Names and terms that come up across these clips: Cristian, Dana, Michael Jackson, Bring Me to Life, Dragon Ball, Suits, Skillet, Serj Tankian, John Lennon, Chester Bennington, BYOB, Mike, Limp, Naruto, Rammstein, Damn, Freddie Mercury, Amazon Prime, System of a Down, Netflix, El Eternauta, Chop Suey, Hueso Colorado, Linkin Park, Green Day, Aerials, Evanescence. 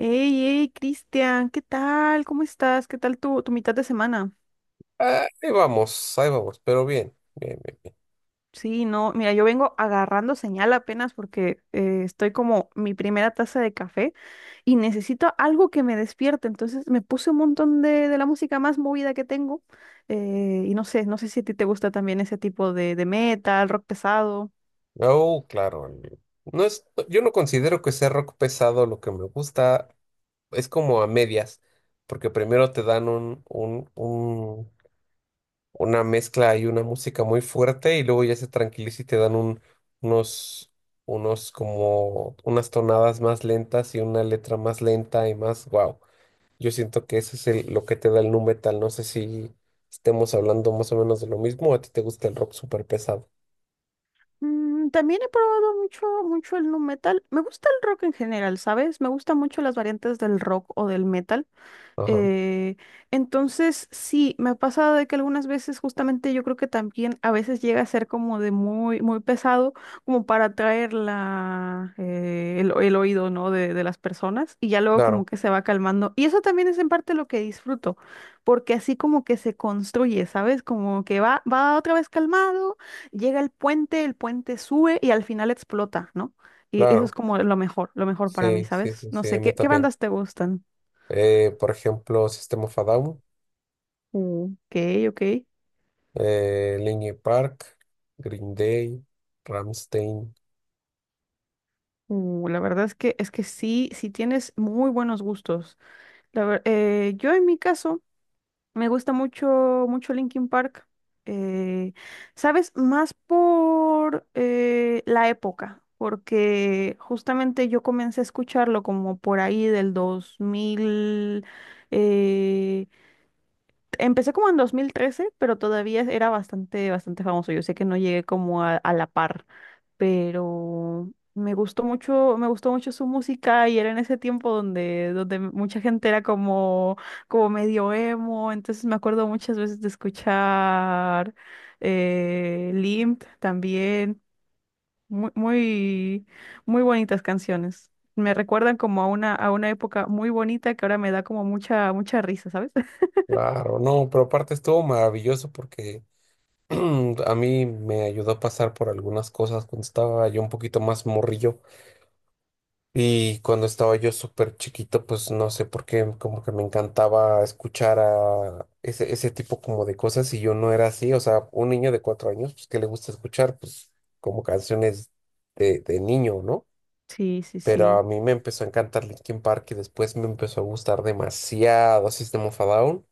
Hey, hey, Cristian, ¿qué tal? ¿Cómo estás? ¿Qué tal tu mitad de semana? Ah, ahí vamos, ahí vamos, pero bien, bien, bien. Sí, no, mira, yo vengo agarrando señal apenas porque estoy como mi primera taza de café y necesito algo que me despierte. Entonces me puse un montón de la música más movida que tengo y no sé si a ti te gusta también ese tipo de metal, rock pesado. Bien. Oh, claro, no es, yo no considero que sea rock pesado, lo que me gusta es como a medias, porque primero te dan una mezcla y una música muy fuerte y luego ya se tranquiliza y te dan unos, unos como unas tonadas más lentas y una letra más lenta y más, wow. Yo siento que eso es lo que te da el nu metal. No sé si estemos hablando más o menos de lo mismo. ¿A ti te gusta el rock súper pesado? También he probado mucho, mucho el nu metal. Me gusta el rock en general, ¿sabes? Me gustan mucho las variantes del rock o del metal. Ajá. Eh, entonces, sí, me ha pasado de que algunas veces justamente yo creo que también a veces llega a ser como de muy, muy pesado, como para atraer la, el oído, ¿no? de las personas y ya luego como Claro, que se va calmando. Y eso también es en parte lo que disfruto, porque así como que se construye, ¿sabes? Como que va otra vez calmado, llega el puente sube y al final explota, ¿no? Y eso es claro. como lo mejor para mí, Sí, sí, ¿sabes? sí, No sí, a sé, mí ¿qué también. bandas te gustan? Por ejemplo, System of a Down, Mm, ok, ok. Linkin Park, Green Day, Rammstein. La verdad es que sí, sí tienes muy buenos gustos. Yo en mi caso me gusta mucho, mucho Linkin Park. eh, ¿Sabes? Más por la época, porque justamente yo comencé a escucharlo como por ahí del 2000. eh, empecé como en 2013, pero todavía era bastante, bastante famoso. Yo sé que no llegué como a la par. Pero me gustó mucho su música y era en ese tiempo donde, donde mucha gente era como, como medio emo, entonces me acuerdo muchas veces de escuchar Limp también, muy, muy, muy bonitas canciones. Me recuerdan como a una época muy bonita que ahora me da como mucha, mucha risa, ¿sabes? Claro, no, pero aparte estuvo maravilloso porque a mí me ayudó a pasar por algunas cosas cuando estaba yo un poquito más morrillo. Y cuando estaba yo súper chiquito, pues no sé por qué, como que me encantaba escuchar a ese tipo como de cosas, y yo no era así, o sea, un niño de 4 años, pues que le gusta escuchar, pues como canciones de niño, ¿no? Sí, sí, Pero a sí. mí me empezó a encantar Linkin Park y después me empezó a gustar demasiado System of a Down,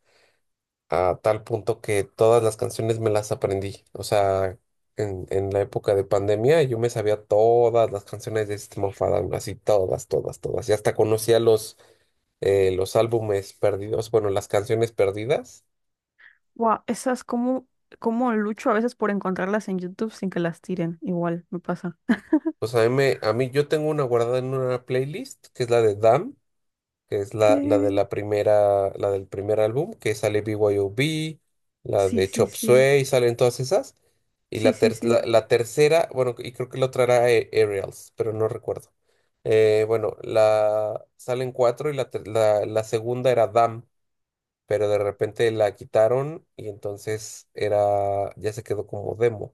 a tal punto que todas las canciones me las aprendí. O sea, en la época de pandemia yo me sabía todas las canciones de System of a Down, así todas, todas, todas. Y hasta conocía los álbumes perdidos, bueno, las canciones perdidas. Wow, esas como, como lucho a veces por encontrarlas en YouTube sin que las tiren, igual me pasa. Pues a mí, a mí, yo tengo una guardada en una playlist, que es la de Damn, que es la de Eh, la primera, la del primer álbum, que sale BYOB, la Sí, de sí, Chop sí, Suey, salen todas esas. Y sí, sí, sí. La tercera, bueno, y creo que la otra era Aerials, pero no recuerdo. Bueno, la salen cuatro y la segunda era Dam, pero de repente la quitaron, y entonces era, ya se quedó como demo,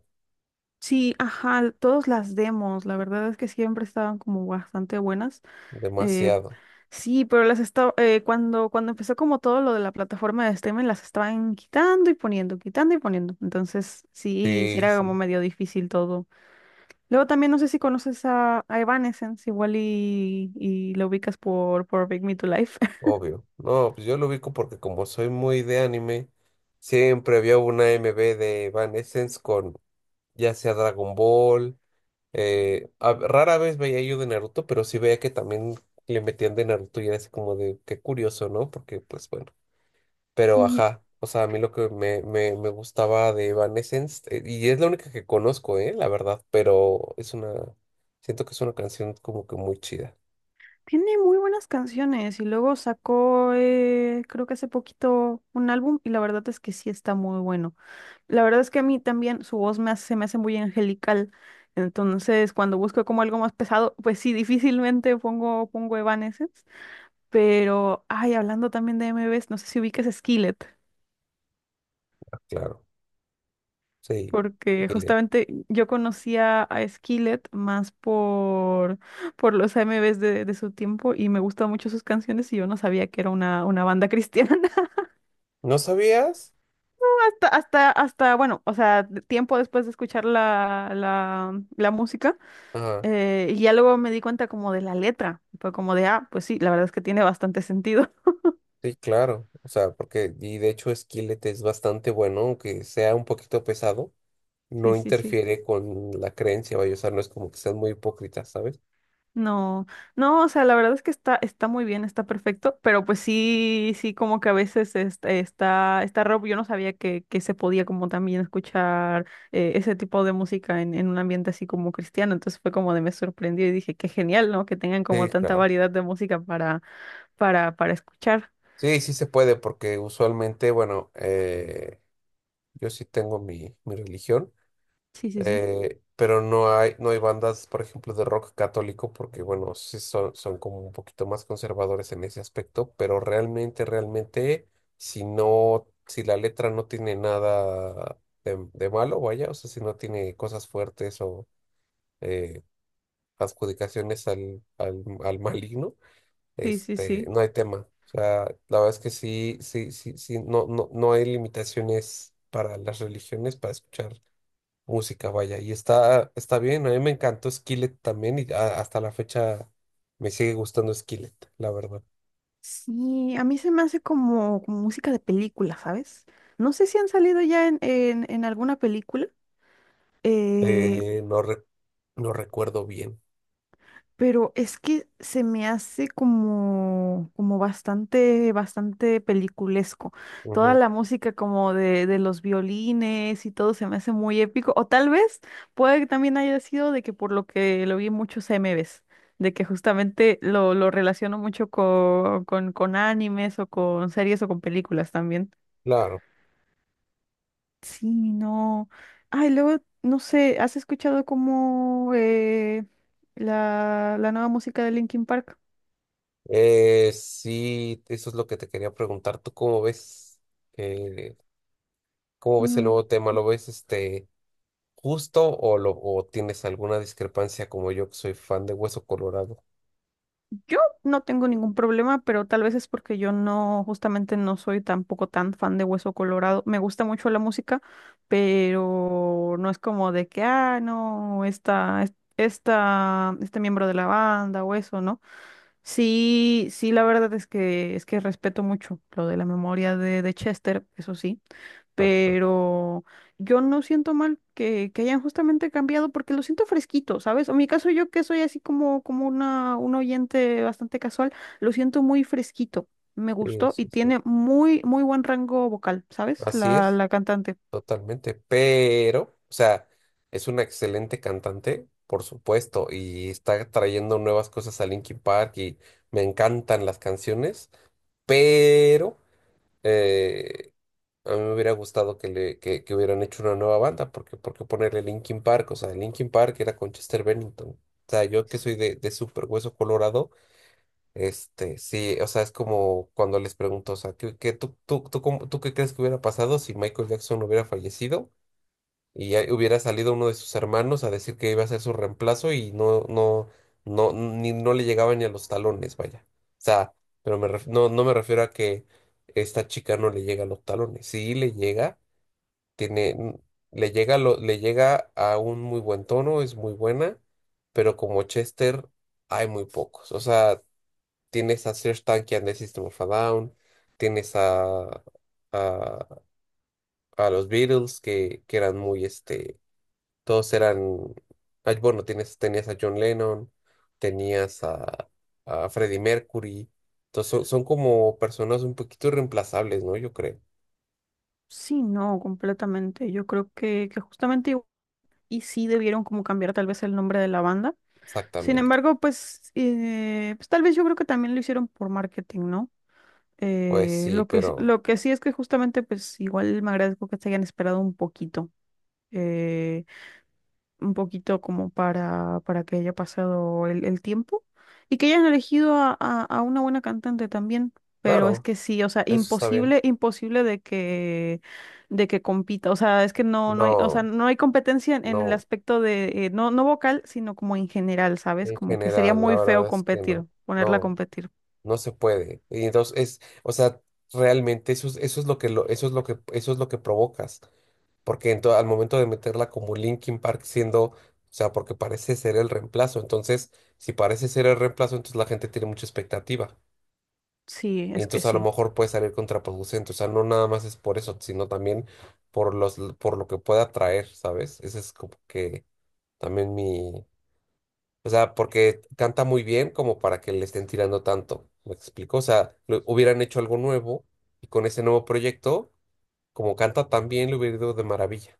Sí, ajá, todas las demos, la verdad es que siempre estaban como bastante buenas. Eh, demasiado. sí, pero las estaba, cuando empezó como todo lo de la plataforma de streaming, las estaban quitando y poniendo, quitando y poniendo. Entonces, sí, sí Sí, era como sí. medio difícil todo. Luego también no sé si conoces a Evanescence, igual y lo ubicas por Bring Me to Life. Obvio. No, pues yo lo ubico porque como soy muy de anime, siempre había una MV de Evanescence con ya sea Dragon Ball. A- rara vez veía yo de Naruto, pero sí veía que también le metían de Naruto y era así como de qué curioso, ¿no? Porque pues bueno. Pero ajá, o sea, a mí lo que me gustaba de Evanescence, y es la única que conozco, ¿eh? La verdad. Pero es una, siento que es una canción como que muy chida, Tiene muy buenas canciones y luego sacó, creo que hace poquito, un álbum y la verdad es que sí está muy bueno. La verdad es que a mí también su voz se me hace muy angelical, entonces cuando busco como algo más pesado, pues sí, difícilmente pongo Evanescence, pero, ay, hablando también de M MVs, no sé si ubiques Skillet, claro. Sí. porque y le- justamente yo conocía a Skillet más por los M AMVs de su tiempo y me gustan mucho sus canciones y yo no sabía que era una banda cristiana. ¿No sabías? Bueno, o sea, tiempo después de escuchar la música, Ajá. Y ya luego me di cuenta como de la letra, fue como de, ah, pues sí, la verdad es que tiene bastante sentido. Sí, claro, o sea, porque, y de hecho Skillet es bastante bueno, aunque sea un poquito pesado, Sí, no sí, sí. interfiere con la creencia, vaya, o sea, no es como que sean muy hipócritas, ¿sabes? No, no, o sea, la verdad es que está muy bien, está perfecto, pero pues sí, sí, como que a veces está rock, yo no sabía que se podía como también escuchar ese tipo de música en un ambiente así como cristiano, entonces fue como de me sorprendió y dije, qué genial, ¿no? Que tengan Sí, como tanta claro. variedad de música para escuchar. Sí, sí se puede, porque usualmente, bueno, yo sí tengo mi religión, Sí, sí, sí. Pero no hay, no hay bandas, por ejemplo, de rock católico, porque bueno, sí son, son como un poquito más conservadores en ese aspecto, pero realmente, realmente, si no, si la letra no tiene nada de malo, vaya, o sea, si no tiene cosas fuertes o eh, adjudicaciones al maligno, Sí, sí, este, sí. no hay tema. O sea, la verdad es que sí, sí, sí, sí, no, no, no hay limitaciones para las religiones para escuchar música, vaya. Y está, está bien, a mí me encantó Skillet también, y hasta la fecha me sigue gustando Skillet, la verdad. Sí, a mí se me hace como, como música de película, ¿sabes? No sé si han salido ya en, en alguna película. eh, Eh, no, re- no recuerdo bien. Pero es que se me hace como, como bastante, bastante peliculesco. Toda Ujú. la música como de los violines y todo se me hace muy épico. O tal vez puede que también haya sido de que por lo que lo vi en muchos MVs, de que justamente lo relaciono mucho con con animes o con series o con películas también. Claro. Sí, no. Ay, luego, no sé, ¿has escuchado como la nueva música de Linkin Park? Sí, eso es lo que te quería preguntar. ¿Tú eh, cómo ves el Mm, nuevo tema? ¿Lo ves este justo, o lo o tienes alguna discrepancia como yo, que soy fan de Hueso Colorado? Yo no tengo ningún problema, pero tal vez es porque yo no, justamente no soy tampoco tan fan de Hueso Colorado. Me gusta mucho la música, pero no es como de que, ah, no, este miembro de la banda o eso, ¿no? Sí, sí, la verdad es que respeto mucho lo de la memoria de Chester, eso sí. Exacto. Pero yo no siento mal que hayan justamente cambiado porque lo siento fresquito, ¿sabes? O en mi caso yo que soy así como, como un oyente bastante casual, lo siento muy fresquito, me Sí, gustó y sí, sí. tiene muy, muy buen rango vocal, ¿sabes? Así La, es. la cantante. Totalmente, pero, o sea, es una excelente cantante, por supuesto, y está trayendo nuevas cosas a Linkin Park y me encantan las canciones, pero eh, a mí me hubiera gustado que hubieran hecho una nueva banda, porque ¿por qué ponerle Linkin Park? O sea, Linkin Park era con Chester Bennington. O sea, yo que soy de súper hueso colorado, este, sí, o sea, es como cuando les pregunto, o sea, ¿qué, qué tú, tú, tú, cómo- tú ¿qué crees que hubiera pasado si Michael Jackson hubiera fallecido? Y ahí hubiera salido uno de sus hermanos a decir que iba a ser su reemplazo, y no, no, no, ni, no le llegaba ni a los talones, vaya. O sea, pero no, no me refiero a que esta chica no le llega a los talones. Sí le llega, tiene, mm, le llega, lo, le llega a un muy buen tono, es muy buena, pero como Chester hay muy pocos. O sea, tienes a Serj Tankian de System of a Down, tienes a... A, a los Beatles, que eran muy este, todos eran, ay, bueno, tienes, tenías a John Lennon, tenías a Freddie Mercury. Entonces son, son como personas un poquito irreemplazables, ¿no? Yo creo, Sí, no, completamente. Yo creo que justamente y sí debieron como cambiar tal vez el nombre de la banda. Sin exactamente. embargo, pues, pues tal vez yo creo que también lo hicieron por marketing, ¿no? Pues sí, pero Lo que sí es que justamente, pues igual me agradezco que se hayan esperado eh, un poquito como para que haya pasado el tiempo y que hayan elegido a una buena cantante también. Pero es claro, que sí, o sea, eso está bien. imposible, imposible de que compita. O sea, es que no, no hay, o sea, No, no hay competencia en el no, aspecto de, no, no vocal, sino como en general, ¿sabes? en Como que sería general, la muy verdad feo es que competir, no, ponerla a no, competir. no se puede. Y entonces es, o sea, realmente eso es lo que lo, eso es lo que, eso es lo que provocas. Porque en al momento de meterla como Linkin Park siendo, o sea, porque parece ser el reemplazo, entonces, si parece ser el reemplazo, entonces la gente tiene mucha expectativa. Sí, Y es que entonces a lo sí. mejor puede salir contraproducente, o sea, no nada más es por eso, sino también por los, por lo que pueda traer, ¿sabes? Ese es como que también mi, o sea, porque canta muy bien como para que le estén tirando tanto, ¿me explico? O sea, hubieran hecho algo nuevo, y con ese nuevo proyecto, como canta tan bien, le hubiera ido de maravilla.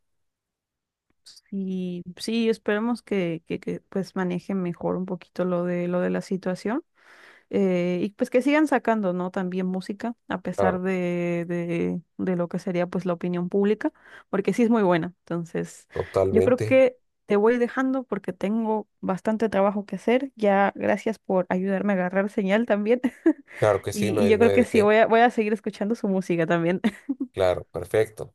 Y sí, esperemos que pues manejen mejor un poquito lo de la situación. Y pues que sigan sacando, ¿no? También música, a Claro, pesar de lo que sería pues la opinión pública, porque sí es muy buena. Entonces, yo creo totalmente. que te voy dejando porque tengo bastante trabajo que hacer. Ya, gracias por ayudarme a agarrar señal también. Claro que sí, Y, no y hay, yo no creo hay que de sí, qué. voy a seguir escuchando su música también. Claro, perfecto.